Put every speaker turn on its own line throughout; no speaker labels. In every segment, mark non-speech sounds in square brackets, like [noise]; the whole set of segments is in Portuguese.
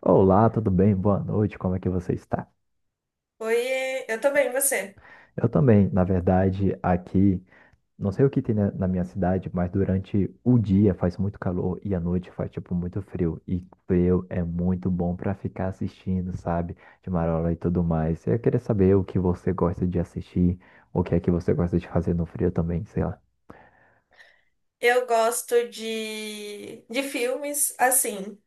Olá, tudo bem? Boa noite, como é que você está?
Oi, eu tô bem, você?
Eu também, na verdade, aqui, não sei o que tem na minha cidade, mas durante o dia faz muito calor e à noite faz, tipo, muito frio. E frio é muito bom para ficar assistindo, sabe? De marola e tudo mais. Eu queria saber o que você gosta de assistir, o que é que você gosta de fazer no frio também, sei lá.
Eu gosto de filmes assim.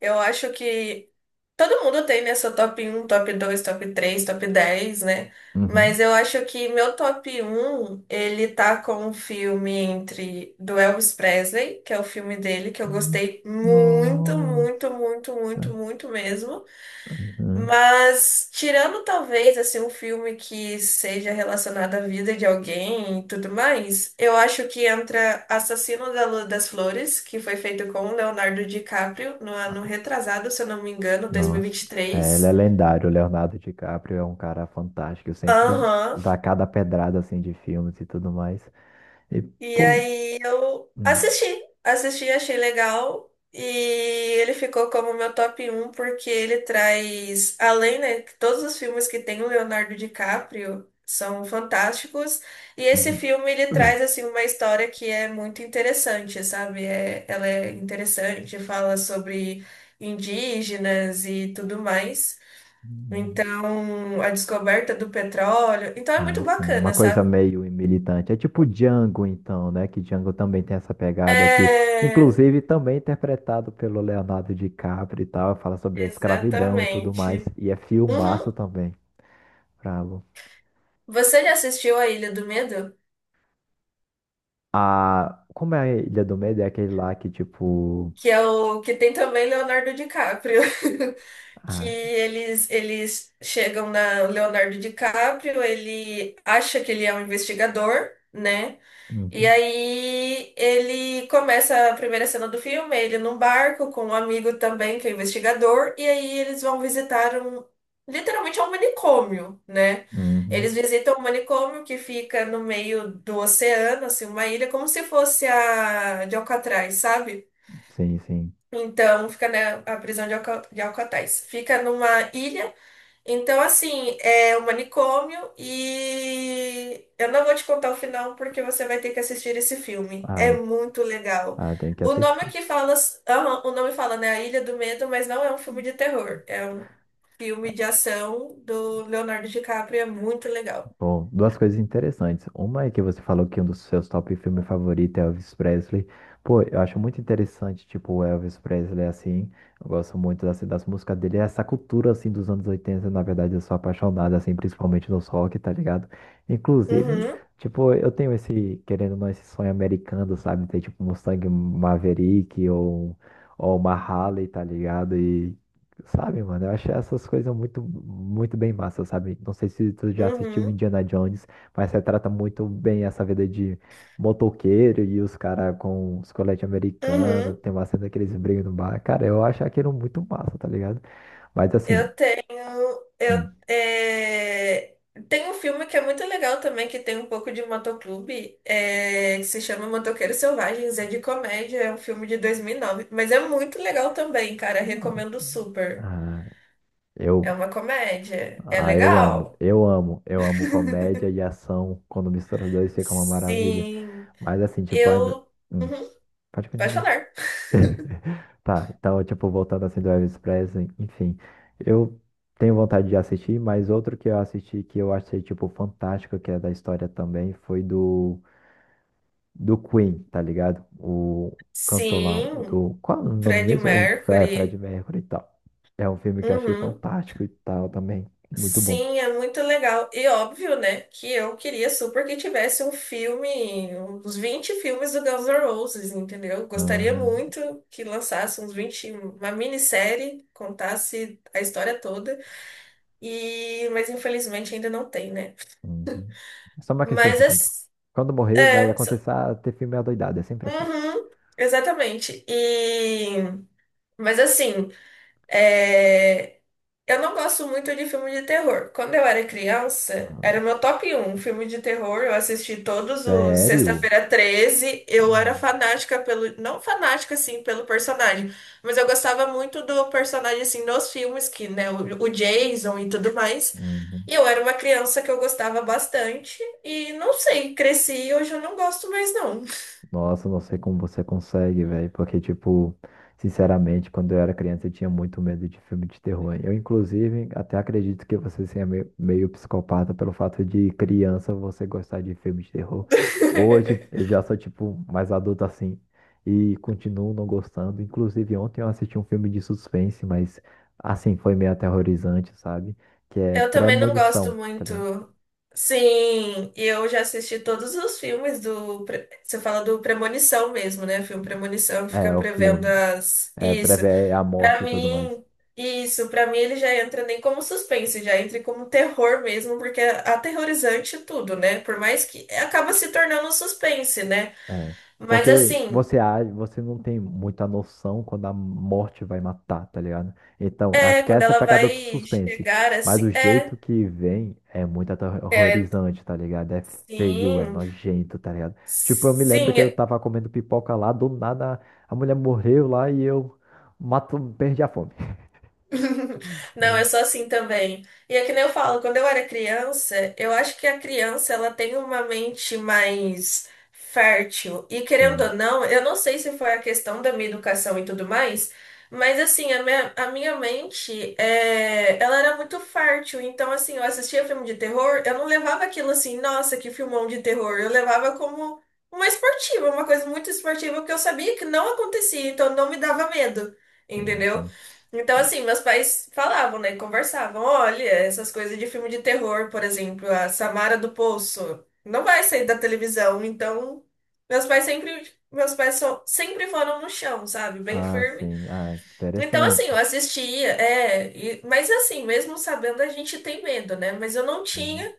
Eu acho que todo mundo tem, né, seu top um top 2 top 3 top 10 né? Mas
Uhum.
eu acho que meu top um ele tá com um filme entre do Elvis Presley, que é o filme dele que eu gostei muito, muito,
Nossa.
muito, muito, muito mesmo.
Uhum.
Mas tirando talvez assim um filme que seja relacionado à vida de alguém e tudo mais, eu acho que entra Assassino da Lua das Flores, que foi feito com o Leonardo DiCaprio no ano retrasado, se eu não me engano,
Nossa, é, ele é
2023.
lendário. O Leonardo DiCaprio é um cara fantástico. Sempre
Aham,
dá cada pedrada assim de filmes e tudo mais. E,
e
pô.
aí eu
hum,
assisti, assisti, achei legal. E ele ficou como meu top um porque ele traz, além, né, que todos os filmes que tem o Leonardo DiCaprio são fantásticos. E esse
uhum.
filme ele
[clears throat]
traz assim uma história que é muito interessante, sabe? É, ela é interessante, fala sobre indígenas e tudo mais.
Hum,
Então, a descoberta do petróleo. Então é muito
Ah, sim.
bacana,
Uma coisa
sabe?
meio militante. É tipo Django, então, né? Que Django também tem essa pegada aqui.
É,
Inclusive, também interpretado pelo Leonardo DiCaprio e tal. Fala sobre a escravidão e tudo mais.
exatamente.
E é filmaço
Uhum.
também. Bravo.
Você já assistiu A Ilha do Medo?
Ah, como é a Ilha do Medo? É aquele lá que, tipo.
Que é o que tem também Leonardo DiCaprio. [laughs] Que
Ah,
eles chegam na Leonardo DiCaprio, ele acha que ele é um investigador, né? E
uhum.
aí ele começa a primeira cena do filme, ele num barco com um amigo também que é investigador, e aí eles vão visitar um, literalmente é um manicômio, né?
Uhum.
Eles visitam um manicômio que fica no meio do oceano, assim, uma ilha, como se fosse a de Alcatraz, sabe?
Sim, sim.
Então fica, né, a prisão de Alcatraz. Fica numa ilha então, assim, é o manicômio e eu não vou te contar o final porque você vai ter que assistir esse filme.
Ah,
É
é-
muito legal.
ah, tem que
O nome
assistir.
que fala, aham, o nome fala, né, A Ilha do Medo, mas não é um filme de terror. É um filme de ação do Leonardo DiCaprio, é muito legal.
Bom, duas coisas interessantes. Uma é que você falou que um dos seus top filmes favoritos é Elvis Presley. Pô, eu acho muito interessante, tipo, o Elvis Presley, assim. Eu gosto muito assim, das músicas dele. É essa cultura, assim, dos anos 80, na verdade, eu sou apaixonado, assim, principalmente no rock, tá ligado? Inclusive,
Uhum,
tipo, eu tenho esse, querendo ou não, esse sonho americano, sabe? Ter, tipo, um Mustang Maverick ou uma Harley, tá ligado? Sabe, mano, eu acho essas coisas muito, muito bem massa, sabe? Não sei se tu já assistiu
uhum,
Indiana Jones, mas retrata muito bem essa vida de motoqueiro e os caras com os coletes americanos,
uhum.
tem uma cena que eles brigam no bar. Cara, eu acho aquilo muito massa, tá ligado? Mas assim,
Eu tenho. Eu,
hum,
é, tem um filme que é muito legal também, que tem um pouco de motoclube, é, que se chama Motoqueiros Selvagens, é de comédia, é um filme de 2009 mas é muito legal também, cara, recomendo super.
ah,
É
eu,
uma comédia, é
eu amo,
legal.
eu amo, eu amo comédia e ação, quando mistura os dois fica uma maravilha.
Sim,
Mas assim, tipo, ainda...
eu.
Hum,
Uhum,
pode
pode
continuar.
falar.
[laughs] Tá, então, tipo, voltando assim do Elvis Presley, enfim, eu tenho vontade de assistir, mas outro que eu assisti que eu achei, tipo, fantástico, que é da história também, foi do Queen, tá ligado? O cantor lá, o
Sim,
do... Qual é o nome
Freddie
mesmo? É, Fred
Mercury.
Mercury e tal. É um filme que eu achei
Uhum.
fantástico e tal também, muito bom.
Sim, é muito legal. E óbvio, né, que eu queria super que tivesse um filme, uns 20 filmes do Guns N' Roses, entendeu? Gostaria
Aham,
muito que lançasse uns 20 uma minissérie, contasse a história toda. E, mas infelizmente ainda não tem, né?
uhum. É só uma questão de tempo.
Mas
Quando morrer, vai
é, é,
acontecer ter filme adoidado, é sempre assim.
uhum, exatamente. E, mas assim, é, eu não gosto muito de filme de terror. Quando eu era criança, era
Nossa.
o meu top um filme de terror. Eu assisti todos os
Sério?
Sexta-feira 13. Eu era
Não.
fanática pelo. Não fanática, assim, pelo personagem. Mas eu gostava muito do personagem, assim, nos filmes, que, né, o Jason e tudo mais. E
Uhum.
eu era uma criança que eu gostava bastante. E não sei, cresci e hoje eu não gosto mais, não.
Nossa, não sei como você consegue, velho. Porque, tipo, sinceramente, quando eu era criança, eu tinha muito medo de filme de terror. Eu, inclusive, até acredito que você seja meio psicopata pelo fato de criança você gostar de filme de terror. Hoje, eu
[laughs]
já sou, tipo, mais adulto assim. E continuo não gostando. Inclusive, ontem eu assisti um filme de suspense, mas, assim, foi meio aterrorizante, sabe? Que é
Eu também não gosto
Premonição, tá ligado?
muito. Sim, e eu já assisti todos os filmes do. Pre- Você fala do Premonição mesmo, né? Filme Premonição que fica
É, o
prevendo
filme.
as.
É,
Isso.
prevê a
Pra
morte e tudo mais.
mim, isso. Pra mim, ele já entra nem como suspense, já entra como terror mesmo, porque é aterrorizante tudo, né? Por mais que acaba se tornando um suspense, né?
É.
Mas
Porque
assim,
você age, você não tem muita noção quando a morte vai matar, tá ligado? Então,
é,
acho que
quando
essa é a
ela
pegada do
vai
suspense.
chegar
Mas o
assim. É,
jeito que vem é muito
é,
aterrorizante, tá ligado? É feio, é
sim.
nojento, tá ligado? Tipo, eu me lembro
Sim,
que eu tava comendo pipoca lá, do nada a mulher morreu lá e eu mato, perdi a fome. [laughs]
[laughs] não, eu
Hum.
sou assim também. E é que nem eu falo, quando eu era criança, eu acho que a criança ela tem uma mente mais fértil. E querendo
Sim,
ou não, eu não sei se foi a questão da minha educação e tudo mais, mas assim, a minha mente, é, ela era muito fértil. Então, assim, eu assistia filme de terror, eu não levava aquilo assim, nossa, que filmão de terror. Eu levava como uma esportiva, uma coisa muito esportiva, que eu sabia que não acontecia, então não me dava medo.
sim,
Entendeu?
sim.
Então, assim, meus pais falavam, né? Conversavam. Olha, essas coisas de filme de terror, por exemplo, a Samara do Poço não vai sair da televisão. Então, meus pais sempre, meus pais só, sempre foram no chão, sabe? Bem
Ah,
firme.
sim. Ah,
Então, assim, eu
interessante.
assistia, é, e- mas assim, mesmo sabendo, a gente tem medo, né? Mas eu não tinha.
Uhum,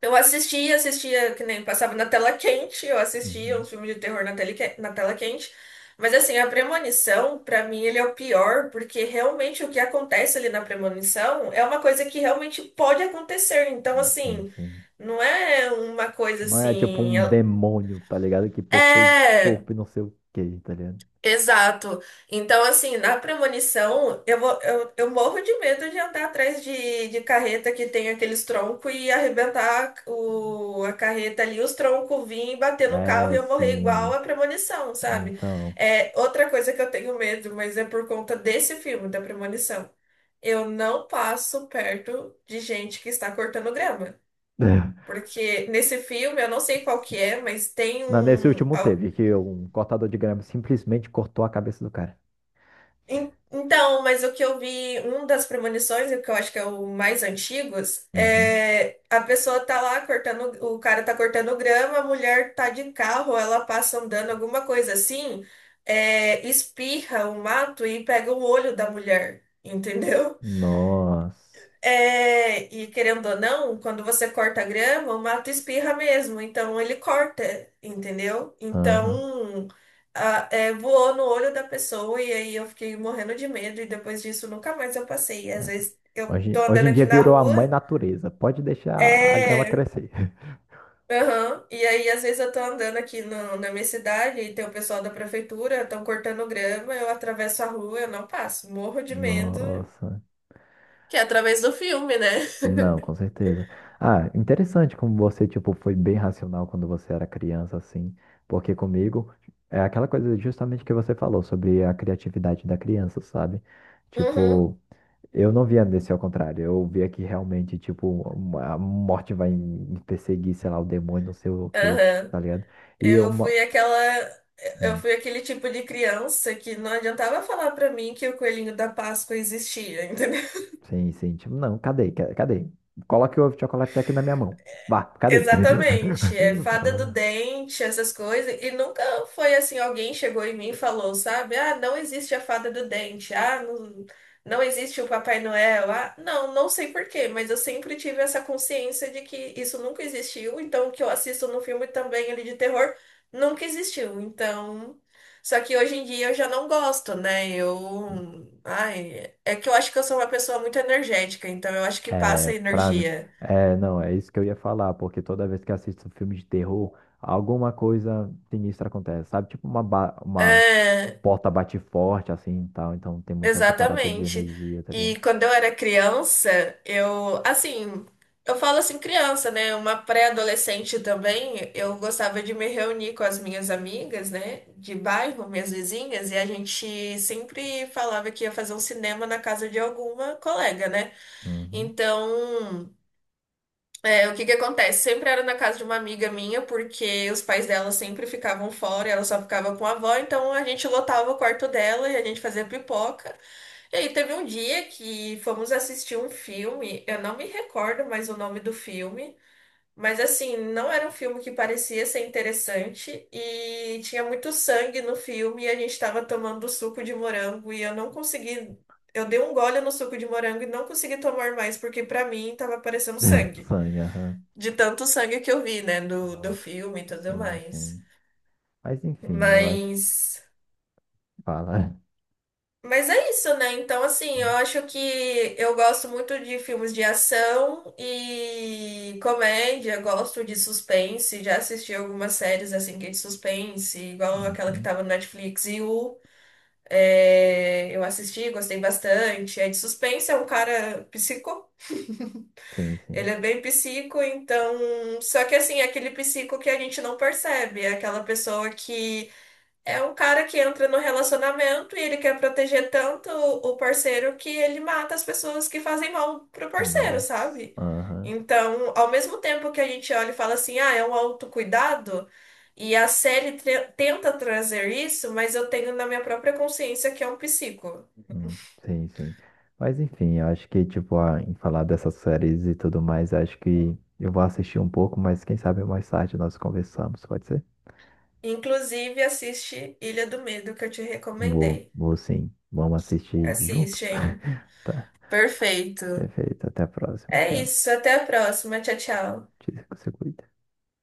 Eu assistia, assistia, que nem passava na tela quente, eu assistia um
uhum.
filme de terror na tela quente. Mas assim, a premonição, pra mim, ele é o pior, porque realmente o que acontece ali na premonição é uma coisa que realmente pode acontecer. Então,
Uhum. Sim,
assim,
sim.
não é uma coisa
Não é tipo
assim.
um demônio, tá ligado? Que possui
É.
corpo e não sei o quê, tá ligado?
Exato. Então, assim, na premonição, eu morro de medo de andar atrás de carreta que tem aqueles troncos e arrebentar o, a carreta ali, os troncos vir e bater no carro e
É,
eu morrer igual
sim.
a premonição, sabe?
Então.
É outra coisa que eu tenho medo, mas é por conta desse filme, da premonição. Eu não passo perto de gente que está cortando grama.
[laughs]
Porque nesse filme, eu não sei qual que
Sim.
é, mas tem
Não, nesse
um.
último teve, que um cortador de grama simplesmente cortou a cabeça do cara.
En- então, mas o que eu vi, um das premonições, e o que eu acho que é o mais antigos,
Uhum.
é a pessoa tá lá cortando, o cara tá cortando grama, a mulher tá de carro, ela passa andando, alguma coisa assim, é, espirra o mato e pega o olho da mulher, [laughs] entendeu?
Nossa.
É, e querendo ou não, quando você corta a grama, o mato espirra mesmo, então ele corta, entendeu?
Aham.
Então, a- é, voou no olho da pessoa e aí eu fiquei morrendo de medo e depois disso nunca mais eu passei. Às
É.
vezes eu tô
Hoje, hoje
andando
em
aqui
dia
na
virou a mãe
rua,
natureza. Pode deixar a grama
é,
crescer. [laughs]
aham, e aí às vezes eu tô andando aqui na minha cidade e tem o pessoal da prefeitura, estão cortando grama, eu atravesso a rua, eu não passo, morro de medo.
Nossa.
Que é através do filme, né?
Não,
[laughs]
com certeza. Ah, interessante como você, tipo, foi bem racional quando você era criança, assim, porque comigo é aquela coisa justamente que você falou sobre a criatividade da criança, sabe?
Uhum.
Tipo, eu não via desse ao contrário, eu via que realmente, tipo, a morte vai me perseguir, sei lá, o demônio, não sei o quê,
Aham.
tá ligado? E eu,
Eu
uma...
fui aquela. Eu
hum,
fui aquele tipo de criança que não adiantava falar pra mim que o coelhinho da Páscoa existia. [laughs]
sim, sim, tipo, não, cadê, cadê? Coloque o chocolate aqui na minha mão. Vá, cadê?
Exatamente, é fada do
[laughs]
dente, essas coisas, e nunca foi assim, alguém chegou em mim e falou, sabe? Ah, não existe a fada do dente, ah, não, não existe o Papai Noel, ah, não, não sei por quê, mas eu sempre tive essa consciência de que isso nunca existiu, então o que eu assisto no filme também ali de terror nunca existiu, então... Só que hoje em dia eu já não gosto, né? Eu... Ai, é que eu acho que eu sou uma pessoa muito energética, então eu acho que
É,
passa
pra mim.
energia.
É, não, é isso que eu ia falar, porque toda vez que assisto um filme de terror, alguma coisa sinistra acontece, sabe? Tipo uma
É,
porta bate forte, assim e tal. Então tem muito essa parada de
exatamente.
energia, tá ligado?
E quando eu era criança, eu, assim, eu falo assim criança, né? Uma pré-adolescente também, eu gostava de me reunir com as minhas amigas, né? De bairro, minhas vizinhas, e a gente sempre falava que ia fazer um cinema na casa de alguma colega, né?
Uhum.
Então, é, o que que acontece? Sempre era na casa de uma amiga minha, porque os pais dela sempre ficavam fora, e ela só ficava com a avó, então a gente lotava o quarto dela e a gente fazia pipoca. E aí, teve um dia que fomos assistir um filme, eu não me recordo mais o nome do filme, mas assim, não era um filme que parecia ser interessante e tinha muito sangue no filme e a gente estava tomando suco de morango e eu não consegui, eu dei um gole no suco de morango e não consegui tomar mais porque pra mim tava parecendo
[laughs]
sangue,
Sangue, aham.
de tanto sangue que eu vi, né, do
Nossa.
filme e tudo
Sim,
mais.
sim. Mas enfim, eu acho.
Mas
Fala.
Mas é isso, né? Então, assim, eu acho que eu gosto muito de filmes de ação e comédia, gosto de suspense, já assisti algumas séries assim que é de suspense, igual aquela que
Uhum.
tava no Netflix e o é, eu assisti, gostei bastante. É de suspense, é um cara psico,
Sim,
ele
sim.
é bem psico, então. Só que assim, é aquele psico que a gente não percebe, é aquela pessoa que. É um cara que entra no relacionamento e ele quer proteger tanto o parceiro que ele mata as pessoas que fazem mal pro parceiro,
Nossa.
sabe?
Aham.
Então, ao mesmo tempo que a gente olha e fala assim, ah, é um autocuidado, e a série tenta trazer isso, mas eu tenho na minha própria consciência que é um psico.
Hum, sim, sim. Mas enfim, eu acho que, tipo, em falar dessas séries e tudo mais, eu acho que eu vou assistir um pouco, mas quem sabe mais tarde nós conversamos, pode ser?
Inclusive, assiste Ilha do Medo, que eu te
Vou,
recomendei.
vou sim. Vamos assistir junto.
Assiste, hein?
[laughs] Tá,
Perfeito.
perfeito. Até a próxima.
É
Tchau.
isso, até a próxima. Tchau, tchau.
Se cuida.